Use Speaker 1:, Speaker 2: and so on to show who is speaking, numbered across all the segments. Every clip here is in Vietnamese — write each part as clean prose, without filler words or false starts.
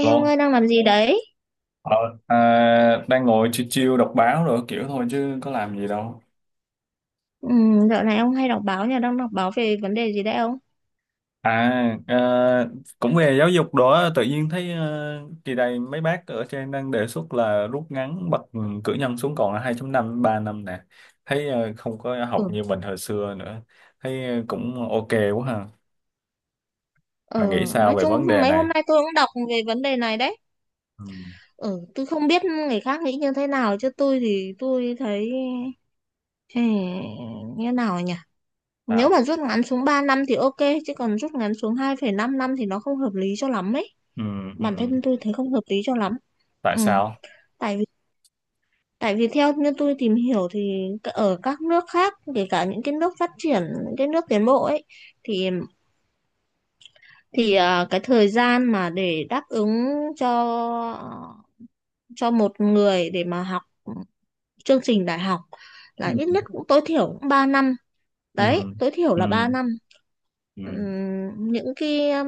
Speaker 1: Ê ông
Speaker 2: Lô,
Speaker 1: ơi đang làm gì đấy?
Speaker 2: ờ, à, đang ngồi chill chill đọc báo rồi kiểu thôi chứ có làm gì đâu.
Speaker 1: Ừ, dạo này ông hay đọc báo nhỉ? Đang đọc báo về vấn đề gì đấy ông?
Speaker 2: À, cũng về giáo dục đó, tự nhiên thấy kỳ này mấy bác ở trên đang đề xuất là rút ngắn bậc cử nhân xuống còn là 2 năm 3 năm nè. Thấy không có
Speaker 1: Ừ,
Speaker 2: học như mình hồi xưa nữa. Thấy cũng ok quá ha.
Speaker 1: ờ,
Speaker 2: Bạn nghĩ sao
Speaker 1: nói
Speaker 2: về
Speaker 1: chung
Speaker 2: vấn đề
Speaker 1: mấy
Speaker 2: này?
Speaker 1: hôm nay tôi cũng đọc về vấn đề này đấy.
Speaker 2: Ừ,
Speaker 1: Ừ, tôi không biết người khác nghĩ như thế nào chứ tôi thì tôi thấy ừ, như nào nhỉ? Nếu
Speaker 2: sao?
Speaker 1: mà rút ngắn xuống 3 năm thì ok, chứ còn rút ngắn xuống 2,5 năm thì nó không hợp lý cho lắm ấy.
Speaker 2: Ừ,
Speaker 1: Bản
Speaker 2: ừ,
Speaker 1: thân tôi thấy không hợp lý cho lắm.
Speaker 2: tại
Speaker 1: Ừ,
Speaker 2: sao?
Speaker 1: tại vì Tại vì theo như tôi tìm hiểu thì, ở các nước khác, kể cả những cái nước phát triển, những cái nước tiến bộ ấy, thì cái thời gian mà để đáp ứng cho một người để mà học chương trình đại học
Speaker 2: Ừ.
Speaker 1: là ít nhất, cũng tối thiểu cũng 3 năm,
Speaker 2: Ừ.
Speaker 1: đấy tối thiểu
Speaker 2: Ừ.
Speaker 1: là 3 năm.
Speaker 2: Ừ.
Speaker 1: Những cái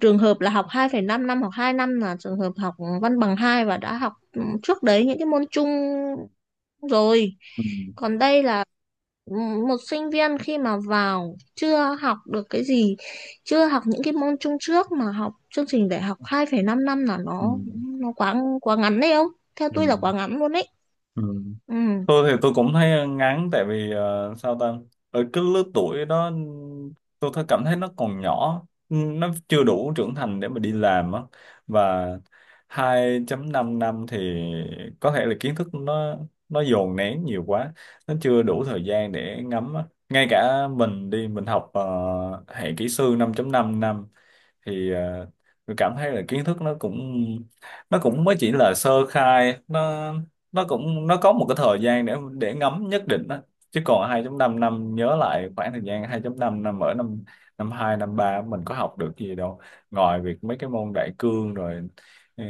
Speaker 1: trường hợp là học 2,5 năm hoặc 2 năm là trường hợp học văn bằng hai, và đã học trước đấy những cái môn chung rồi.
Speaker 2: Ừ.
Speaker 1: Còn đây là một sinh viên khi mà vào chưa học được cái gì, chưa học những cái môn chung trước mà học chương trình đại học 2,5 năm năm là
Speaker 2: Ừ.
Speaker 1: nó quá quá ngắn đấy, không, theo
Speaker 2: Ừ.
Speaker 1: tôi là quá ngắn luôn đấy,
Speaker 2: Ừ.
Speaker 1: ừ.
Speaker 2: Tôi thì tôi cũng thấy ngán tại vì sao ta, ở cái lứa tuổi đó tôi cảm thấy nó còn nhỏ, nó chưa đủ trưởng thành để mà đi làm á. Và 2.5 năm năm thì có thể là kiến thức nó dồn nén nhiều quá, nó chưa đủ thời gian để ngắm á. Ngay cả mình đi mình học hệ kỹ sư 5.5 năm năm thì tôi cảm thấy là kiến thức nó cũng mới chỉ là sơ khai, nó có một cái thời gian để ngấm nhất định đó. Chứ còn 2.5 năm năm, nhớ lại khoảng thời gian 2.5 năm năm ở năm năm 2 năm 3 mình có học được gì đâu ngoài việc mấy cái môn đại cương rồi. ờ,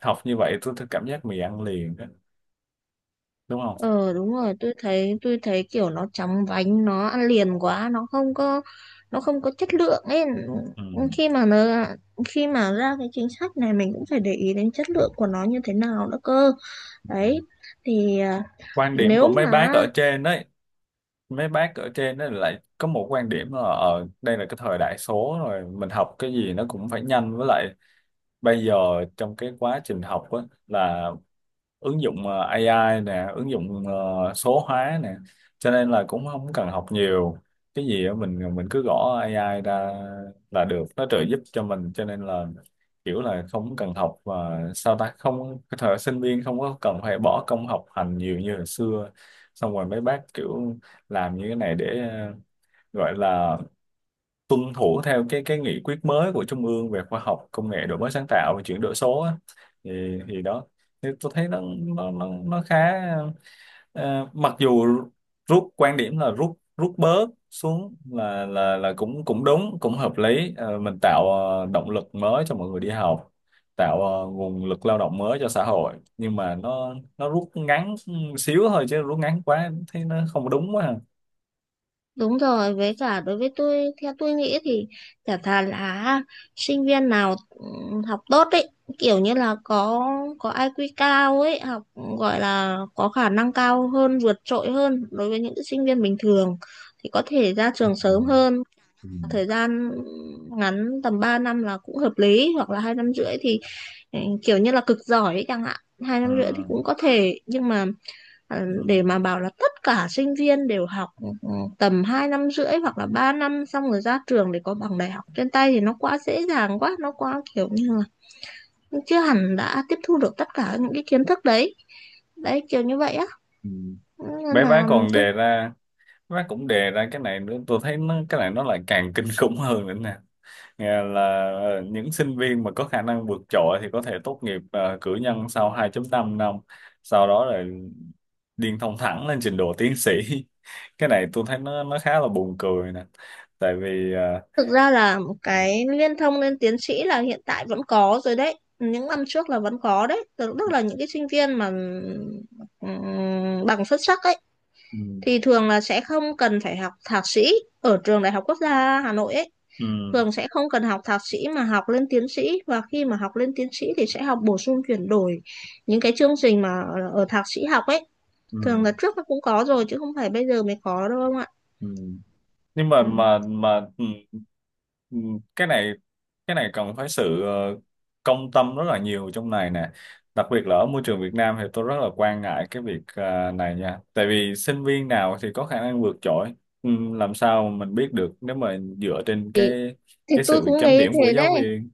Speaker 2: Học như vậy tôi cảm giác mì ăn liền đó, đúng không?
Speaker 1: Ờ đúng rồi, tôi thấy kiểu nó chóng vánh, nó ăn liền quá, nó không có chất lượng ấy.
Speaker 2: Ừ.
Speaker 1: Khi mà nó khi mà ra cái chính sách này mình cũng phải để ý đến chất lượng của nó như thế nào nữa cơ.
Speaker 2: Ừ.
Speaker 1: Đấy. Thì à,
Speaker 2: Quan điểm của
Speaker 1: nếu mà
Speaker 2: mấy bác ở trên ấy lại có một quan điểm là đây là cái thời đại số rồi, mình học cái gì nó cũng phải nhanh, với lại bây giờ trong cái quá trình học á là ứng dụng AI nè, ứng dụng số hóa nè, cho nên là cũng không cần học nhiều. Cái gì á, mình cứ gõ AI ra là được, nó trợ giúp cho mình, cho nên là kiểu là không cần học và sao ta, không, cái thời sinh viên không có cần phải bỏ công học hành nhiều như hồi xưa. Xong rồi mấy bác kiểu làm như cái này để gọi là tuân thủ theo cái nghị quyết mới của Trung ương về khoa học công nghệ, đổi mới sáng tạo và chuyển đổi số á. thì thì đó, thì tôi thấy nó khá, mặc dù rút, quan điểm là rút rút bớt xuống là là cũng cũng đúng, cũng hợp lý. Ờ, mình tạo động lực mới cho mọi người đi học, tạo nguồn lực lao động mới cho xã hội, nhưng mà nó rút ngắn xíu thôi chứ rút ngắn quá thấy nó không đúng quá à.
Speaker 1: Đúng rồi, với cả đối với tôi, theo tôi nghĩ thì chả thà là sinh viên nào học tốt ấy, kiểu như là có IQ cao ấy, học, gọi là có khả năng cao hơn, vượt trội hơn đối với những sinh viên bình thường thì có thể ra
Speaker 2: Ừ.
Speaker 1: trường sớm hơn,
Speaker 2: Ừ.
Speaker 1: thời gian ngắn tầm 3 năm là cũng hợp lý, hoặc là 2,5 năm thì kiểu như là cực giỏi ấy chẳng hạn, 2,5 năm thì cũng có thể, nhưng mà để
Speaker 2: Ừ.
Speaker 1: mà bảo là tất cả sinh viên đều học ừ, tầm 2,5 năm hoặc là 3 năm xong rồi ra trường để có bằng đại học trên tay thì nó quá dễ dàng, quá nó quá kiểu như là chưa hẳn đã tiếp thu được tất cả những cái kiến thức đấy, đấy kiểu như vậy á,
Speaker 2: Ừ.
Speaker 1: nên
Speaker 2: bé bá
Speaker 1: là
Speaker 2: còn
Speaker 1: tôi
Speaker 2: đề ra Bé bá cũng đề ra cái này nữa, tôi thấy nó, cái này nó lại càng kinh khủng hơn nữa nè. Nghe là những sinh viên mà có khả năng vượt trội thì có thể tốt nghiệp cử nhân sau 2.5 năm năm, sau đó là điên thông thẳng lên trình độ tiến sĩ. Cái này tôi thấy nó khá là buồn cười nè, tại vì
Speaker 1: thực ra là, một
Speaker 2: Ừ.
Speaker 1: cái liên thông lên tiến sĩ là hiện tại vẫn có rồi đấy, những năm trước là vẫn có đấy, tức tức là những cái sinh viên mà bằng xuất sắc ấy
Speaker 2: Ừ.
Speaker 1: thì thường là sẽ không cần phải học thạc sĩ ở trường Đại học Quốc gia Hà Nội ấy.
Speaker 2: Ừ.
Speaker 1: Thường sẽ không cần học thạc sĩ mà học lên tiến sĩ, và khi mà học lên tiến sĩ thì sẽ học bổ sung chuyển đổi những cái chương trình mà ở thạc sĩ học ấy. Thường
Speaker 2: Ừ.
Speaker 1: là trước nó cũng có rồi chứ không phải bây giờ mới có đâu ông ạ.
Speaker 2: Ừ. Nhưng mà
Speaker 1: Ừ.
Speaker 2: mà mà ừ, cái này cái này cần phải sự công tâm rất là nhiều trong này nè, đặc biệt là ở môi trường Việt Nam thì tôi rất là quan ngại cái việc này nha, tại vì sinh viên nào thì có khả năng vượt trội, ừ, làm sao mà mình biết được nếu mà dựa trên cái
Speaker 1: Thì
Speaker 2: cái
Speaker 1: tôi
Speaker 2: sự
Speaker 1: cũng
Speaker 2: chấm
Speaker 1: nghĩ
Speaker 2: điểm của
Speaker 1: thế
Speaker 2: giáo
Speaker 1: đấy.
Speaker 2: viên.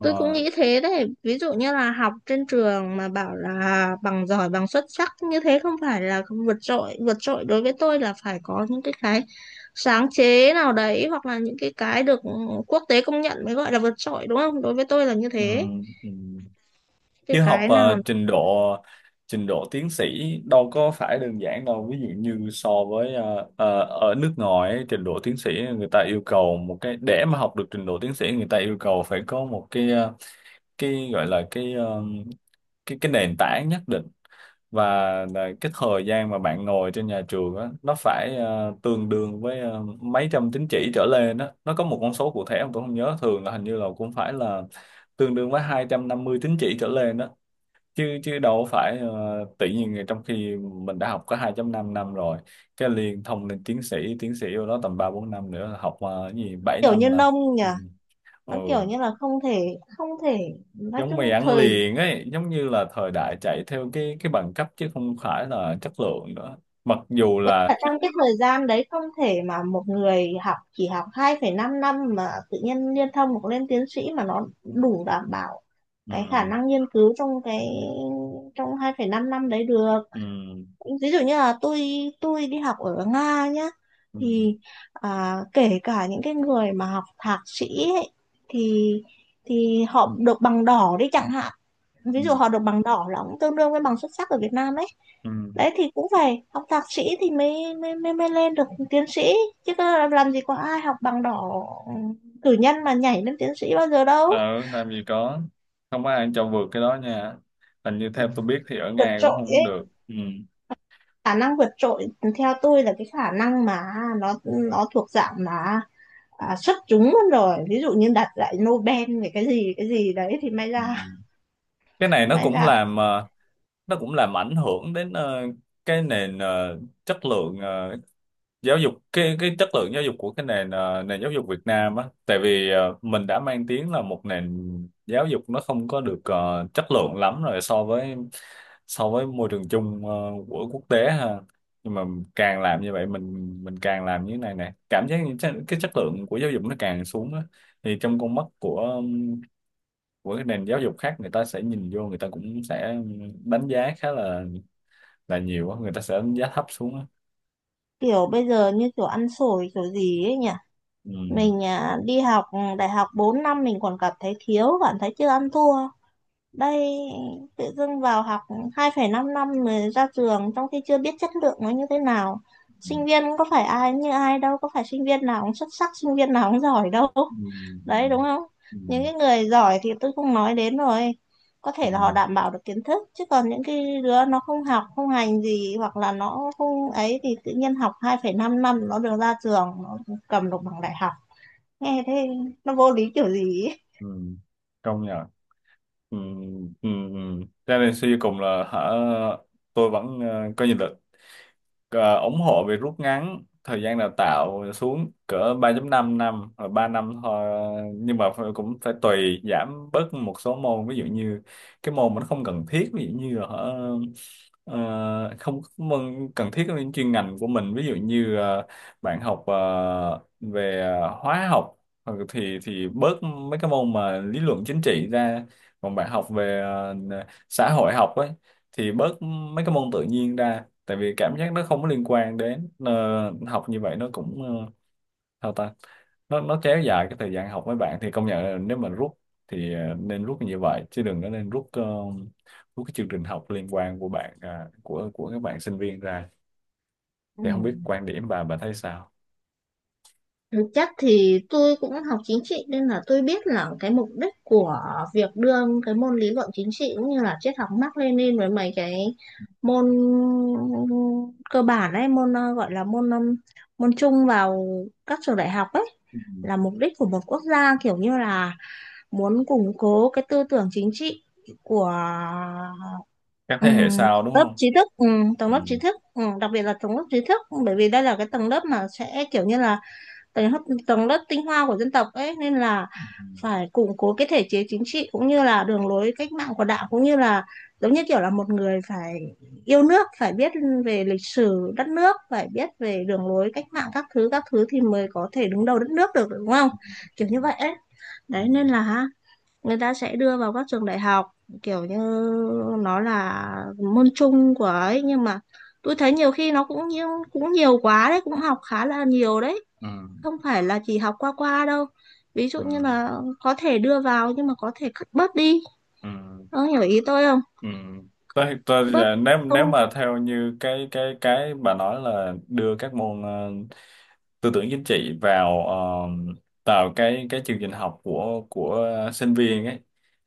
Speaker 1: Tôi cũng
Speaker 2: Ờ,
Speaker 1: nghĩ thế đấy. Ví dụ như là học trên trường mà bảo là bằng giỏi, bằng xuất sắc như thế không phải là không vượt trội. Vượt trội đối với tôi là phải có những cái sáng chế nào đấy, hoặc là những cái được quốc tế công nhận mới gọi là vượt trội, đúng không? Đối với tôi là như
Speaker 2: ừ.
Speaker 1: thế.
Speaker 2: Ừ. Chứ học
Speaker 1: Cái nào
Speaker 2: trình độ tiến sĩ đâu có phải đơn giản đâu, ví dụ như so với ở nước ngoài ấy, trình độ tiến sĩ người ta yêu cầu một cái, để mà học được trình độ tiến sĩ người ta yêu cầu phải có một cái cái gọi là cái cái nền tảng nhất định, và là cái thời gian mà bạn ngồi trên nhà trường á nó phải tương đương với mấy trăm tín chỉ trở lên đó. Nó có một con số cụ thể mà tôi không nhớ, thường là hình như là cũng phải là tương đương với 250 tín chỉ trở lên đó. Chứ chứ đâu phải tự nhiên trong khi mình đã học có 2.5 năm rồi, cái liền thông lên tiến sĩ vô đó tầm 3 4 năm nữa, học cái gì 7
Speaker 1: Kiểu
Speaker 2: năm
Speaker 1: như
Speaker 2: là
Speaker 1: nông nhỉ,
Speaker 2: Ừ. Ừ.
Speaker 1: nó kiểu như là không thể, không thể nói
Speaker 2: Giống
Speaker 1: chung,
Speaker 2: mì ăn
Speaker 1: thời
Speaker 2: liền ấy, giống như là thời đại chạy theo cái bằng cấp chứ không phải là chất lượng nữa, mặc dù
Speaker 1: với
Speaker 2: là
Speaker 1: cả trong cái thời gian đấy không thể mà một người học chỉ học 2,5 năm mà tự nhiên liên thông hoặc lên tiến sĩ mà nó đủ đảm bảo cái khả
Speaker 2: Ừ.
Speaker 1: năng nghiên cứu, trong cái, trong 2,5 năm năm đấy được.
Speaker 2: Ừ.
Speaker 1: Ví dụ như là tôi đi học ở Nga nhá,
Speaker 2: Ừ.
Speaker 1: thì kể cả những cái người mà học thạc sĩ ấy, thì họ được bằng đỏ đi chẳng hạn,
Speaker 2: Ừ.
Speaker 1: ví dụ họ được bằng đỏ là cũng tương đương với bằng xuất sắc ở Việt Nam đấy.
Speaker 2: Ừ.
Speaker 1: Đấy thì cũng phải học thạc sĩ thì mới lên được tiến sĩ, chứ có làm gì có ai học bằng đỏ, cử nhân mà nhảy lên tiến sĩ bao giờ đâu.
Speaker 2: Ừ. Làm gì có, không có ai cho vượt cái đó nha, hình như theo tôi biết thì ở
Speaker 1: Vượt
Speaker 2: Nga cũng
Speaker 1: trội
Speaker 2: không
Speaker 1: ấy,
Speaker 2: được. Ừ.
Speaker 1: khả năng vượt trội, theo tôi là cái khả năng mà nó thuộc dạng mà xuất chúng luôn rồi, ví dụ như đạt giải Nobel về cái gì đấy thì may
Speaker 2: Ừ.
Speaker 1: ra,
Speaker 2: Cái này nó
Speaker 1: may
Speaker 2: cũng
Speaker 1: ra.
Speaker 2: làm nó cũng làm ảnh hưởng đến cái nền chất lượng, giáo dục, cái chất lượng giáo dục của cái nền nền giáo dục Việt Nam á, tại vì mình đã mang tiếng là một nền giáo dục nó không có được chất lượng lắm rồi, so với môi trường chung của quốc tế ha, nhưng mà càng làm như vậy mình càng làm như thế này nè, cảm giác như cái chất lượng của giáo dục nó càng xuống á. Thì trong con mắt của cái nền giáo dục khác, người ta sẽ nhìn vô, người ta cũng sẽ đánh giá khá là nhiều quá, người ta sẽ đánh giá thấp xuống á.
Speaker 1: Kiểu bây giờ như kiểu ăn xổi kiểu gì ấy nhỉ.
Speaker 2: Ừ.
Speaker 1: Mình đi học, đại học 4 năm mình còn cảm thấy thiếu, cảm thấy chưa ăn thua. Đây tự dưng vào học 2,5 năm năm mới ra trường trong khi chưa biết chất lượng nó như thế nào.
Speaker 2: Ừ.
Speaker 1: Sinh viên cũng có phải ai như ai đâu, có phải sinh viên nào cũng xuất sắc, sinh viên nào cũng giỏi đâu.
Speaker 2: Ừ.
Speaker 1: Đấy, đúng không?
Speaker 2: Ừ.
Speaker 1: Những cái người giỏi thì tôi không nói đến rồi. Có
Speaker 2: Ừ.
Speaker 1: thể là họ đảm bảo được kiến thức, chứ còn những cái đứa nó không học, không hành gì hoặc là nó không ấy, thì tự nhiên học 2,5 năm nó được ra trường, nó cầm được bằng đại học, nghe thế nó vô lý kiểu gì ấy.
Speaker 2: Ừ. Công nhận. Ừ. Ừ. Ừ. Cho nên suy cho cùng là hả, tôi vẫn có nhìn được, ủng hộ việc rút ngắn thời gian đào tạo xuống cỡ ba 5 năm năm hoặc 3 năm thôi, nhưng mà cũng phải tùy giảm bớt một số môn, ví dụ như cái môn mà nó không cần thiết, ví dụ như là không có môn cần thiết với chuyên ngành của mình, ví dụ như bạn học về hóa học, thì bớt mấy cái môn mà lý luận chính trị ra. Còn bạn học về xã hội học ấy thì bớt mấy cái môn tự nhiên ra, tại vì cảm giác nó không có liên quan đến học như vậy nó cũng sao ta, nó kéo dài cái thời gian học mấy bạn. Thì công nhận là nếu mà rút thì nên rút như vậy chứ đừng có nên rút rút cái chương trình học liên quan của bạn, à, của các bạn sinh viên ra.
Speaker 1: Ừ.
Speaker 2: Thì không biết quan điểm bà thấy sao?
Speaker 1: Thực chất thì tôi cũng học chính trị nên là tôi biết là cái mục đích của việc đưa cái môn lý luận chính trị, cũng như là triết học Mác Lênin với mấy cái môn cơ bản ấy, môn gọi là môn, môn chung vào các trường đại học ấy,
Speaker 2: Ừ.
Speaker 1: là mục đích của một quốc gia, kiểu như là muốn củng cố cái tư tưởng chính trị của,
Speaker 2: Các
Speaker 1: Ừ,
Speaker 2: thế hệ sau đúng
Speaker 1: lớp
Speaker 2: không?
Speaker 1: trí thức, tầng
Speaker 2: Ừ.
Speaker 1: lớp trí thức, đặc biệt là tầng lớp trí thức, bởi vì đây là cái tầng lớp mà sẽ kiểu như là tầng lớp tầng lớp tinh hoa của dân tộc ấy, nên là
Speaker 2: Ừ.
Speaker 1: phải củng cố cái thể chế chính trị, cũng như là đường lối cách mạng của Đảng, cũng như là giống như kiểu là một người phải yêu nước, phải biết về lịch sử đất nước, phải biết về đường lối cách mạng các thứ thì mới có thể đứng đầu đất nước được, đúng không, kiểu như vậy ấy.
Speaker 2: Ừ.
Speaker 1: Đấy nên là người ta sẽ đưa vào các trường đại học, kiểu như nó là môn chung của ấy, nhưng mà tôi thấy nhiều khi nó cũng nhiều quá đấy, cũng học khá là nhiều đấy,
Speaker 2: Ừ.
Speaker 1: không phải là chỉ học qua qua đâu. Ví
Speaker 2: Ừ.
Speaker 1: dụ như
Speaker 2: Ừ.
Speaker 1: là có thể đưa vào, nhưng mà có thể cắt bớt đi,
Speaker 2: Ừ.
Speaker 1: ông hiểu ý tôi không,
Speaker 2: Ừ. Tôi,
Speaker 1: bớt,
Speaker 2: nếu
Speaker 1: không,
Speaker 2: nếu mà theo như cái bà nói là đưa các môn tư tưởng chính trị vào vào cái chương trình học của sinh viên ấy,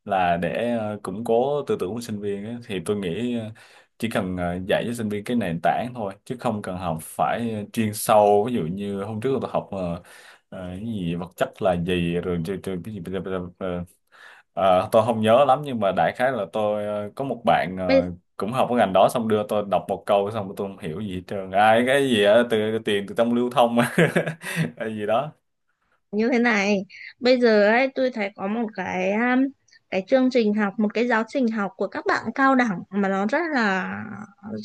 Speaker 2: là để củng cố tư tưởng của sinh viên ấy, thì tôi nghĩ chỉ cần dạy cho sinh viên cái nền tảng thôi chứ không cần học phải chuyên sâu. Ví dụ như hôm trước tôi học cái gì vật chất là gì, rồi cho cái gì, ờ, tôi không nhớ lắm, nhưng mà đại khái là tôi có một bạn
Speaker 1: bây
Speaker 2: cũng học cái ngành đó, xong đưa tôi đọc một câu xong tôi không hiểu gì hết trơn, ai cái gì á, từ tiền từ trong lưu thông hay gì đó.
Speaker 1: như thế này, bây giờ ấy tôi thấy có một cái, cái chương trình học, một cái giáo trình học của các bạn cao đẳng mà nó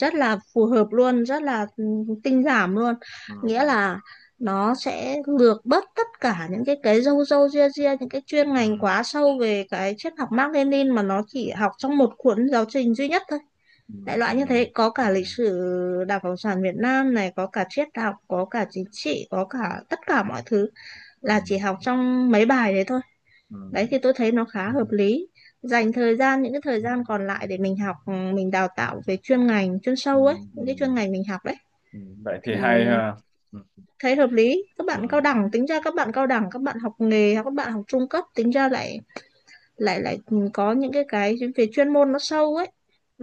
Speaker 1: rất là phù hợp luôn, rất là tinh giảm luôn,
Speaker 2: Ừ.
Speaker 1: nghĩa là nó sẽ lược bớt tất cả những cái râu râu ria ria, những cái chuyên
Speaker 2: Ừ.
Speaker 1: ngành quá sâu về cái triết học Mác Lênin, mà nó chỉ học trong một cuốn giáo trình duy nhất thôi,
Speaker 2: Ừ.
Speaker 1: đại
Speaker 2: Ừ.
Speaker 1: loại như thế, có
Speaker 2: Ừ.
Speaker 1: cả lịch sử Đảng Cộng sản Việt Nam này, có cả triết học, có cả chính trị, có cả tất cả mọi thứ,
Speaker 2: Ừ.
Speaker 1: là chỉ học trong mấy bài đấy thôi.
Speaker 2: Ừ.
Speaker 1: Đấy thì tôi thấy nó khá hợp lý, dành thời gian, những cái thời gian còn lại để mình học, mình đào tạo về chuyên ngành chuyên
Speaker 2: Ừ.
Speaker 1: sâu ấy,
Speaker 2: Ừ.
Speaker 1: những cái chuyên ngành mình học đấy,
Speaker 2: Ừ. Ừ. Vậy thì
Speaker 1: thì
Speaker 2: hay ha. Ừ.
Speaker 1: thấy hợp lý. Các bạn cao
Speaker 2: Ừ.
Speaker 1: đẳng, tính ra các bạn cao đẳng, các bạn học nghề hoặc các bạn học trung cấp tính ra lại lại lại có những cái về chuyên môn nó sâu ấy,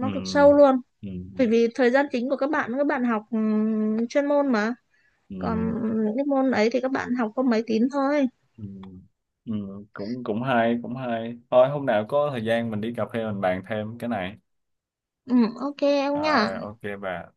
Speaker 2: Ừ.
Speaker 1: cực sâu luôn,
Speaker 2: Ừ.
Speaker 1: bởi vì thời gian chính của các bạn học, chuyên môn mà,
Speaker 2: Ừ.
Speaker 1: còn những cái môn ấy thì các bạn học có mấy tín thôi.
Speaker 2: Ừ. Ừ. cũng cũng hay Cũng hay thôi, hôm nào có thời gian mình đi cà phê mình bàn thêm cái này.
Speaker 1: Ừ, ok em nhá.
Speaker 2: À, ok bà.